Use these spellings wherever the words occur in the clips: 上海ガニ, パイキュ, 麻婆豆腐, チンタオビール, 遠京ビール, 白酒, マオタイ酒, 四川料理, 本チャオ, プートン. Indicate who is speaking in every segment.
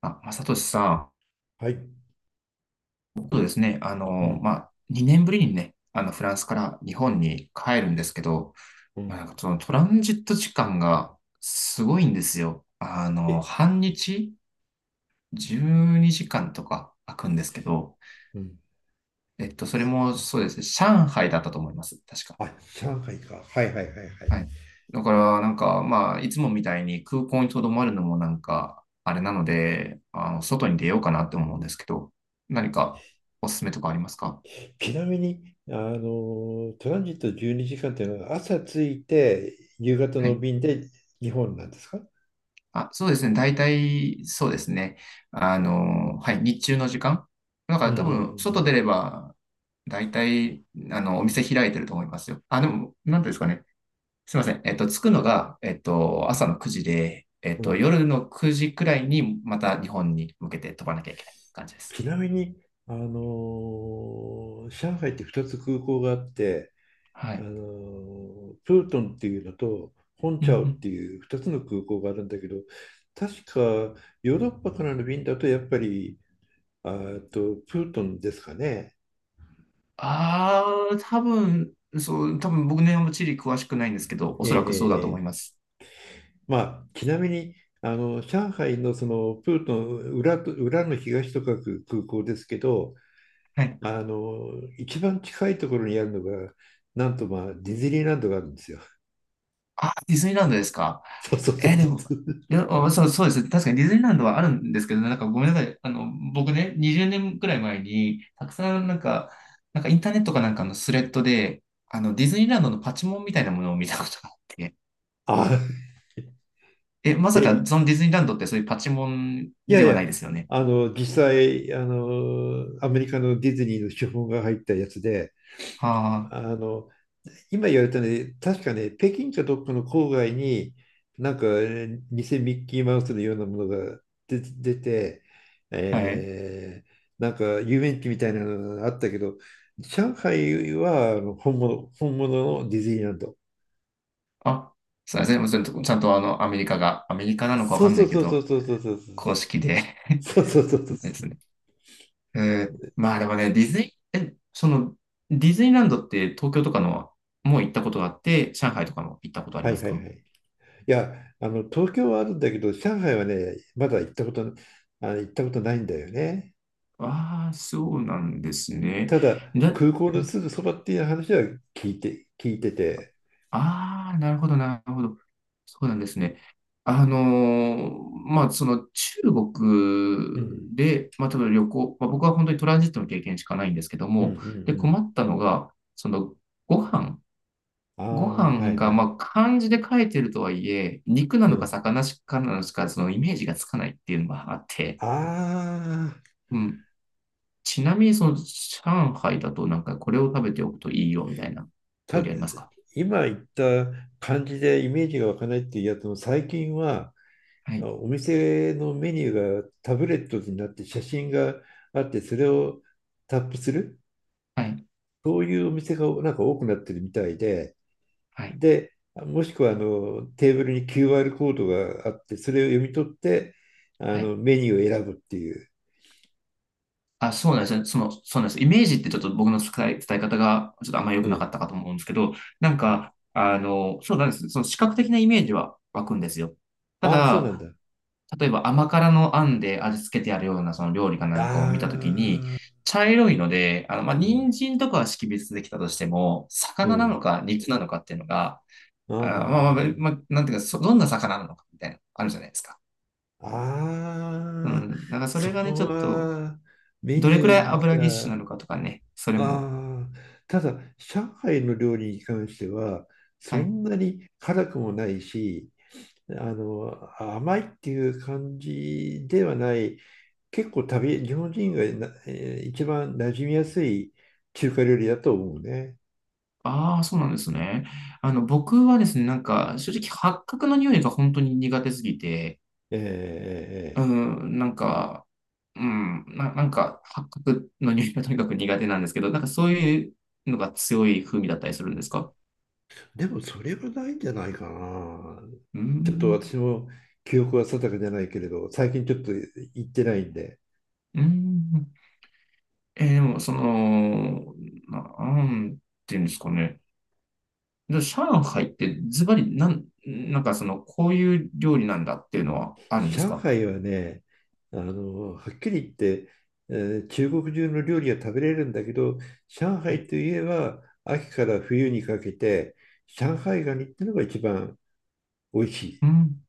Speaker 1: あ、正俊さ
Speaker 2: はい。
Speaker 1: ん、そうですね、
Speaker 2: うん、
Speaker 1: まあ、2年ぶりにね、フランスから日本に帰るんですけど、
Speaker 2: う
Speaker 1: まあ、
Speaker 2: ん、
Speaker 1: そのトランジット時間がすごいんですよ。あの、
Speaker 2: え、
Speaker 1: 半日12時間とか空くんですけど、
Speaker 2: うん。
Speaker 1: それもそうですね、上海だったと思います、確か。
Speaker 2: あ、上海か。はいはいはいはい。
Speaker 1: はい。だから、なんか、まあ、いつもみたいに空港に留まるのもなんか、あれなので、あの、外に出ようかなって思うんですけど、何かおすすめとかありますか？
Speaker 2: ちなみに、トランジット12時間っていうのは朝着いて夕方
Speaker 1: は
Speaker 2: の
Speaker 1: い。
Speaker 2: 便で日本なんですか？
Speaker 1: あ、そうですね。大体、そうですね。あの、はい、日中の時間。だか
Speaker 2: うん
Speaker 1: ら
Speaker 2: う
Speaker 1: 多分、外
Speaker 2: ん
Speaker 1: 出れば、大体、あの、お店開いてると思いますよ。あ、でも、なんていうんですかね。すいません。着くのが、朝の9時で、
Speaker 2: うんうん。うん。
Speaker 1: 夜の9時くらいに、また日本に向けて飛ばなきゃいけない感じです。
Speaker 2: ちなみに、上海って2つ空港があって、
Speaker 1: はい。
Speaker 2: プートンっていうのと、本
Speaker 1: うんう
Speaker 2: チャオっ
Speaker 1: ん。
Speaker 2: ていう2つの空港があるんだけど、確かヨーロッパからの便だとやっぱりあーと、プートンですかね。
Speaker 1: ああ、多分、そう、多分僕ね、チリ詳しくないんですけど、お
Speaker 2: えええ
Speaker 1: そ
Speaker 2: え
Speaker 1: らくそうだと
Speaker 2: え
Speaker 1: 思い
Speaker 2: え。
Speaker 1: ます。
Speaker 2: まあ、ちなみに、上海のそのプートン裏と、裏の東と書く空港ですけど、
Speaker 1: はい。
Speaker 2: 一番近いところにあるのが、なんとまあ、ディズニーランドがあるんですよ。
Speaker 1: あ、ディズニーランドですか。
Speaker 2: そうそうそ
Speaker 1: え、
Speaker 2: う
Speaker 1: でも、
Speaker 2: そう。
Speaker 1: いや、あ、そう、そうですね。確かにディズニーランドはあるんですけどね、なんかごめんなさい。あの、僕ね、20年くらい前に、たくさんなんか、なんかインターネットかなんかのスレッドで、あの、ディズニーランドのパチモンみたいなものを見たことがあって、
Speaker 2: あ、
Speaker 1: え、まさ
Speaker 2: え、い
Speaker 1: かそのディズニーランドってそういうパチモン
Speaker 2: や
Speaker 1: で
Speaker 2: い
Speaker 1: は
Speaker 2: や、
Speaker 1: ないですよね。
Speaker 2: 実際、アメリカのディズニーの資本が入ったやつで、
Speaker 1: は
Speaker 2: あの、今言われたね、確かね、北京かどっかの郊外に、なんか、偽ミッキーマウスのようなものが出て、
Speaker 1: あ、はい。
Speaker 2: なんか遊園地みたいなのがあったけど、上海はあの本物、本物のディズニーランド。
Speaker 1: あ、すいません。もちょんとちゃんとあの、アメリカが、アメリカなのかわ
Speaker 2: そ
Speaker 1: か
Speaker 2: う
Speaker 1: ん
Speaker 2: そ
Speaker 1: ない
Speaker 2: う
Speaker 1: け
Speaker 2: そうそう
Speaker 1: ど、
Speaker 2: そうそうそう。
Speaker 1: 公式で
Speaker 2: そうそうそうそ
Speaker 1: そ
Speaker 2: う。
Speaker 1: うですね。えー、まあでもね、ディズニー、え、その、ディズニーランドって東京とかのもう行ったことがあって、上海とかも行ったことあり
Speaker 2: は
Speaker 1: ま
Speaker 2: い
Speaker 1: す
Speaker 2: はい
Speaker 1: か？
Speaker 2: はい。いや、東京はあるんだけど、上海はね、まだ行ったこと、行ったことないんだよね。
Speaker 1: ああー、そうなんですね。
Speaker 2: ただ、
Speaker 1: だ、
Speaker 2: 空港のすぐそばっていう話は聞いてて、
Speaker 1: ああ、なるほど、なるほど。そうなんですね。あのー、まあ、その中
Speaker 2: う
Speaker 1: 国
Speaker 2: ん。
Speaker 1: で、まあ、例えば旅行、まあ、僕は本当にトランジットの経験しかないんですけど
Speaker 2: うんうん
Speaker 1: も、で、
Speaker 2: う
Speaker 1: 困
Speaker 2: ん。
Speaker 1: ったのが、その、ご飯、
Speaker 2: あ
Speaker 1: ご
Speaker 2: あ、は
Speaker 1: 飯
Speaker 2: いは
Speaker 1: が、ま
Speaker 2: い。
Speaker 1: あ、漢字で書いてるとはいえ、肉な
Speaker 2: う
Speaker 1: のか
Speaker 2: ん。
Speaker 1: 魚かなのか、そのイメージがつかないっていうのがあって、
Speaker 2: ああ、
Speaker 1: うん。ちなみに、その、上海だとなんか、これを食べておくといいよ、みたいな料
Speaker 2: た、
Speaker 1: 理ありますか？
Speaker 2: 今言った感じでイメージが湧かないっていうやつも、最近は
Speaker 1: は
Speaker 2: あ
Speaker 1: い、
Speaker 2: お店のメニューがタブレットになって写真があって、それをタップする、
Speaker 1: はい、
Speaker 2: そういうお店がなんか多くなってるみたいで、
Speaker 1: はい、
Speaker 2: で、もしくはあのテーブルに QR コードがあって、それを読み取って、あ
Speaker 1: はい。
Speaker 2: のメニューを選ぶっていう。
Speaker 1: あ、そうなんですね。その、そうなんです。イメージってちょっと僕の伝え、伝え方が、ちょっとあんまり良
Speaker 2: う
Speaker 1: くなか
Speaker 2: ん。
Speaker 1: ったかと思うんですけど、なん
Speaker 2: うん。
Speaker 1: か、あの、そうなんです。その視覚的なイメージは湧くんですよ。た
Speaker 2: ああ、そうなん
Speaker 1: だ、
Speaker 2: だ。
Speaker 1: 例えば甘辛のあんで味付けてあるようなその料理かな
Speaker 2: あ
Speaker 1: んかを見たときに、
Speaker 2: あ、
Speaker 1: 茶色いので、あの、まあ、
Speaker 2: うん、
Speaker 1: 人参とかは識別できたとしても、
Speaker 2: う
Speaker 1: 魚なの
Speaker 2: ん。
Speaker 1: か肉なのかっていうのが、
Speaker 2: あ
Speaker 1: あー、まあまあ、まあ、なんていうか、そどんな魚なのかみたいな、あるじゃないですか。
Speaker 2: あ、
Speaker 1: う
Speaker 2: ああ、
Speaker 1: ん。だからそ
Speaker 2: そ
Speaker 1: れがね、
Speaker 2: こ
Speaker 1: ちょっと、
Speaker 2: はメ
Speaker 1: ど
Speaker 2: ニ
Speaker 1: れくらい
Speaker 2: ュー、
Speaker 1: 油ぎっしゅなのかとかね、それも。
Speaker 2: ああ、ただ、上海の料理に関しては、
Speaker 1: は
Speaker 2: そ
Speaker 1: い。
Speaker 2: んなに辛くもないし、甘いっていう感じではない、結構、旅、日本人がな、一番馴染みやすい中華料理だと思うね。
Speaker 1: ああ、そうなんですね。あの、僕はですね、なんか、正直、八角の匂いが本当に苦手すぎて、
Speaker 2: えーえーえ
Speaker 1: う
Speaker 2: ー
Speaker 1: ん、なんか、うん、な、なんか、八角の匂いが とにかく苦手なんですけど、なんかそういうのが強い風味だったりするんですか？
Speaker 2: でもそれはないんじゃないかな。
Speaker 1: うー
Speaker 2: ちょっと
Speaker 1: ん、
Speaker 2: 私も記憶は定かじゃないけれど、最近ちょっと行ってないんで。
Speaker 1: うーん。えー、でも、その、なんていうんですかね。で上海ってズバリ、なん、なんかその、こういう料理なんだっていうのはあるんです
Speaker 2: 上
Speaker 1: か？
Speaker 2: 海はね、はっきり言って、え中国中の料理が食べれるんだけど、上
Speaker 1: は
Speaker 2: 海
Speaker 1: い。
Speaker 2: といえば秋から冬にかけて、上海ガニってのが一番美味しい。
Speaker 1: うん。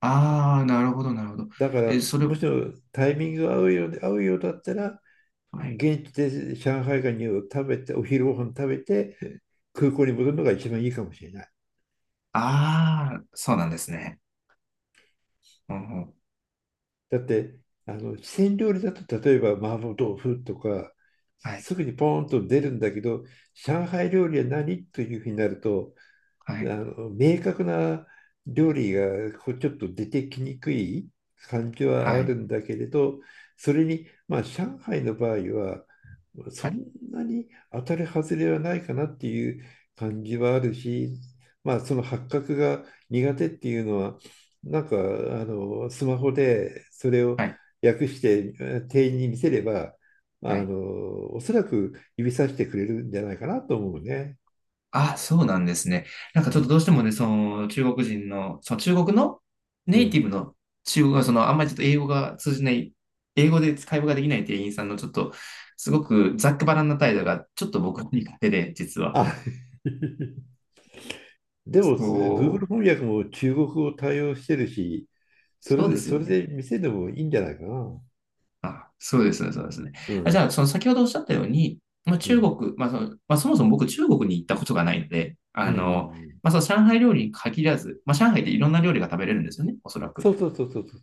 Speaker 1: ああ、なるほど、なるほど。
Speaker 2: だか
Speaker 1: えーそ
Speaker 2: ら、
Speaker 1: れ、
Speaker 2: も
Speaker 1: は
Speaker 2: しもタイミングが合うようで、合うようだったら、
Speaker 1: い。
Speaker 2: 現地で上海ガニを食べて、お昼ご飯食べて、空港に戻るのが一番いいかもしれない。
Speaker 1: ああ、そうなんですね。うんうん、
Speaker 2: だって、四川料理だと、例えば麻婆豆腐とか、
Speaker 1: はい、
Speaker 2: すぐにポーンと出るんだけど、上海料理は何というふうになると、
Speaker 1: は
Speaker 2: あ
Speaker 1: い、
Speaker 2: の明確な料理がこうちょっと出てきにくい感じ
Speaker 1: は
Speaker 2: はある
Speaker 1: い、
Speaker 2: んだけれど、それに、まあ、上海の場合は、そ
Speaker 1: はい、
Speaker 2: んなに当たり外れはないかなっていう感じはあるし、まあ、その発覚が苦手っていうのは、なんかスマホでそれを
Speaker 1: はい。
Speaker 2: 訳して店員に見せれば、
Speaker 1: はい、
Speaker 2: おそらく指さしてくれるんじゃないかなと思うね。
Speaker 1: あ、そうなんですね。なんか
Speaker 2: う
Speaker 1: ちょっと
Speaker 2: ん、
Speaker 1: どうしてもね、その中国人の、その中国の
Speaker 2: う
Speaker 1: ネイティ
Speaker 2: ん。
Speaker 1: ブの中国が、そのあんまりちょっと英語が通じない、英語で会話ができない店員さんのちょっと、すごくざっくばらんな態度が、ちょっと僕に勝手で、実は。
Speaker 2: あ、でも、
Speaker 1: そ
Speaker 2: Google
Speaker 1: う、
Speaker 2: 翻訳も中国語対応してるし、それ
Speaker 1: そうで
Speaker 2: で、
Speaker 1: す
Speaker 2: そ
Speaker 1: よ
Speaker 2: れ
Speaker 1: ね。
Speaker 2: で見せてもいいんじゃないかな。
Speaker 1: あ、そうですね、そうですね。
Speaker 2: う
Speaker 1: あ、じゃ
Speaker 2: ん。
Speaker 1: あ、その先ほどおっしゃったように、まあ、
Speaker 2: う
Speaker 1: 中
Speaker 2: ん。
Speaker 1: 国、まあその、まあ、そもそも僕中国に行ったことがないので、
Speaker 2: う
Speaker 1: あ
Speaker 2: んうんう
Speaker 1: の、
Speaker 2: ん。
Speaker 1: まあ、その上海料理に限らず、まあ、上海っていろんな料理が食べれるんですよね、おそら
Speaker 2: そ
Speaker 1: く。
Speaker 2: うそうそうそうそう。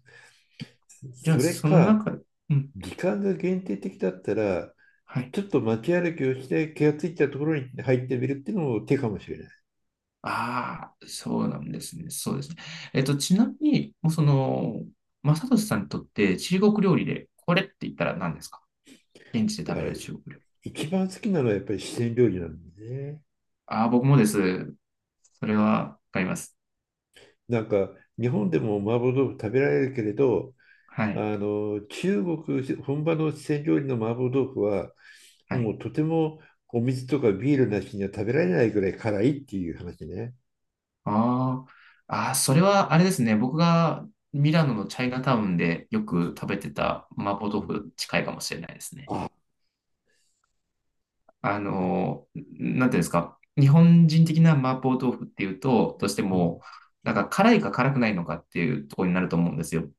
Speaker 1: じゃあ、
Speaker 2: それ
Speaker 1: その
Speaker 2: か、
Speaker 1: 中、うん、
Speaker 2: 時間が限定的だったら、
Speaker 1: はい。
Speaker 2: ちょっと街歩きをして気がついたところに入ってみるっていうのも手かもしれない。
Speaker 1: ああ、そうなんですね。そうですね。えっと、ちなみに、もうその、正俊さんにとって中国料理で、これって言ったら何ですか？現地で
Speaker 2: い
Speaker 1: 食
Speaker 2: や、
Speaker 1: べられる中国料理。
Speaker 2: 一番好きなのはやっぱり四川料理なんでね。
Speaker 1: ああ、僕もです。それは、わかります。
Speaker 2: なんか、日本でも麻婆豆腐食べられるけれど、
Speaker 1: はい。
Speaker 2: あの中国本場の四川料理の麻婆豆腐は
Speaker 1: は
Speaker 2: も
Speaker 1: い。
Speaker 2: うとても、お水とかビールなしには食べられないぐらい辛いっていう話ね。
Speaker 1: ああ、ああ、それは、あれですね。僕がミラノのチャイナタウンでよく食べてた麻婆豆
Speaker 2: うん。
Speaker 1: 腐近いかもしれないですね。
Speaker 2: あ、
Speaker 1: あの、なんていうんですか、日本人的な麻婆豆腐っていうと、どうして
Speaker 2: うん。
Speaker 1: も、なんか辛いか辛くないのかっていうところになると思うんですよ。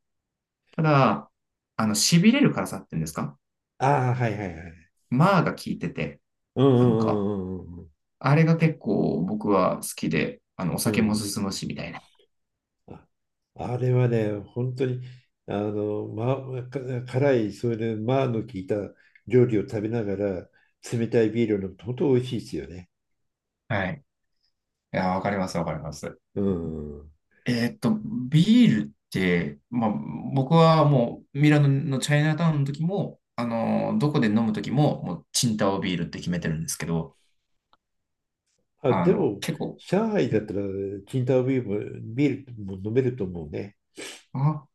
Speaker 1: ただ、あの、痺れる辛さっていうんですか、
Speaker 2: ああ、はいはいはい。
Speaker 1: 麻が効いてて、
Speaker 2: うんう
Speaker 1: なんか、
Speaker 2: んうんうん
Speaker 1: あれが結構僕は好きで、あの、お
Speaker 2: うんう
Speaker 1: 酒も
Speaker 2: ん。
Speaker 1: 進むし、みたいな。
Speaker 2: あ、あれはね、本当にま、辛い、それで麻の効いた料理を食べながら冷たいビールを飲むと本当美味しいですよね。
Speaker 1: はい。いや、わかります、わかります。
Speaker 2: うん。
Speaker 1: えーっと、ビールって、まあ、僕はもうミラノのチャイナタウンの時も、あの、どこで飲む時も、もうチンタオビールって決めてるんですけど、
Speaker 2: あ、
Speaker 1: あ
Speaker 2: で
Speaker 1: の、
Speaker 2: も、
Speaker 1: 結構、
Speaker 2: 上海
Speaker 1: う
Speaker 2: だっ
Speaker 1: ん、
Speaker 2: たら、チンタオビールも、ビールも飲めると思うね。
Speaker 1: あ、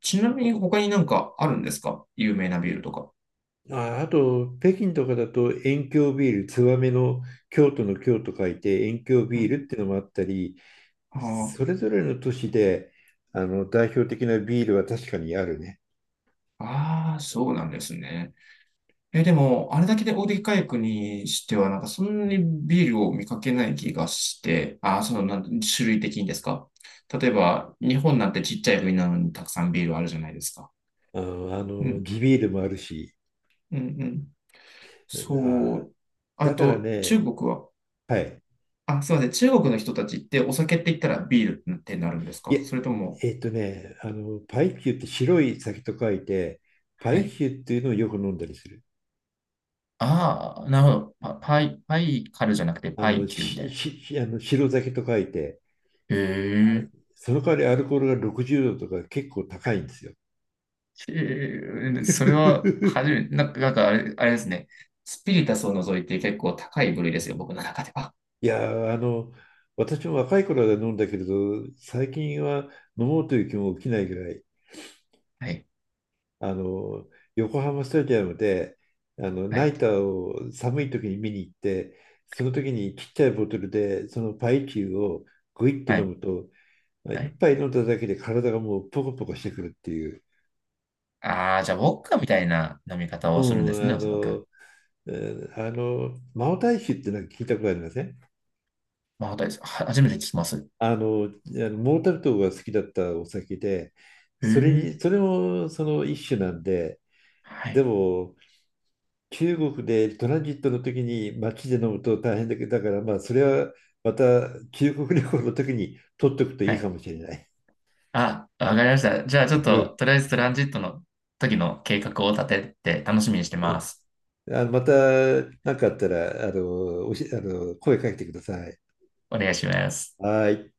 Speaker 1: ちなみに他になんかあるんですか？有名なビールとか。
Speaker 2: あ、あと、北京とかだと、遠京ビール、ツバメの京都の京と書いて、遠京
Speaker 1: う
Speaker 2: ビー
Speaker 1: ん、
Speaker 2: ルっていうのもあったり、
Speaker 1: あ
Speaker 2: それぞれの都市で、代表的なビールは確かにあるね。
Speaker 1: あー、そうなんですね。え、でも、あれだけで大手回復にしては、なんかそんなにビールを見かけない気がして、ああ、その、なんて種類的にですか？例えば、日本なんてちっちゃい国なのにたくさんビールあるじゃないですか。
Speaker 2: あ
Speaker 1: う
Speaker 2: の
Speaker 1: ん、
Speaker 2: 地ビールもあるし。
Speaker 1: うん、うん。そ
Speaker 2: あ、
Speaker 1: う。あ
Speaker 2: だから
Speaker 1: と、中
Speaker 2: ね、
Speaker 1: 国は、
Speaker 2: はい。
Speaker 1: あ、すいません。中国の人たちってお酒って言ったらビールってなるんです
Speaker 2: いや、
Speaker 1: か？それとも、
Speaker 2: パイキュって白い酒と書いて、パ
Speaker 1: は
Speaker 2: イ
Speaker 1: い。
Speaker 2: キュっていうのをよく飲んだりする。
Speaker 1: ああ、なるほど。パ、パイ、パイカルじゃなくて
Speaker 2: あ
Speaker 1: パ
Speaker 2: の、
Speaker 1: イキューみたい
Speaker 2: し、
Speaker 1: な。
Speaker 2: し、あの、白酒と書いて、
Speaker 1: へえ。
Speaker 2: その代わりアルコールが60度とか結構高いんですよ。
Speaker 1: へえ、それは、初めて、なんか、なんかあれ、あれですね。スピリタスを除いて結構高い部類ですよ、僕の中では。
Speaker 2: いやー、私も若い頃は飲んだけれど、最近は飲もうという気も起きないぐらい、
Speaker 1: はい。
Speaker 2: あの、横浜スタジアムで、
Speaker 1: は
Speaker 2: ナ
Speaker 1: い。
Speaker 2: イターを寒い時に見に行って、その時にちっちゃいボトルで、そのパイチューをグイッと
Speaker 1: は
Speaker 2: 飲
Speaker 1: い。
Speaker 2: むと、
Speaker 1: は
Speaker 2: 一
Speaker 1: い。
Speaker 2: 杯飲んだだけで体がもうポコポコしてくるっていう、
Speaker 1: ああ、じゃあ、ウォッカみたいな飲み方
Speaker 2: う
Speaker 1: をするんですね、
Speaker 2: ん、
Speaker 1: おそらく。
Speaker 2: マオタイ酒ってなんか聞いたことありません？
Speaker 1: まあ、です。は初めて聞きます。
Speaker 2: あのモータルトが好きだったお酒で、
Speaker 1: へ
Speaker 2: それ
Speaker 1: え。
Speaker 2: に、それもその一種なんで、
Speaker 1: は
Speaker 2: で
Speaker 1: い。
Speaker 2: も、中国でトランジットの時に街で飲むと大変だけど、だからまあ、それはまた中国旅行の時に取っておくと
Speaker 1: は
Speaker 2: いいか
Speaker 1: い。
Speaker 2: もしれない。
Speaker 1: あ、わかりました。じゃあ、ちょっ
Speaker 2: う
Speaker 1: と、
Speaker 2: ん、
Speaker 1: とりあえずトランジットの時の計画を立てて楽しみにして
Speaker 2: う
Speaker 1: ま
Speaker 2: ん。
Speaker 1: す。
Speaker 2: また何かあったら、あの、おし、あの、声かけてください。
Speaker 1: お願いします。
Speaker 2: はい。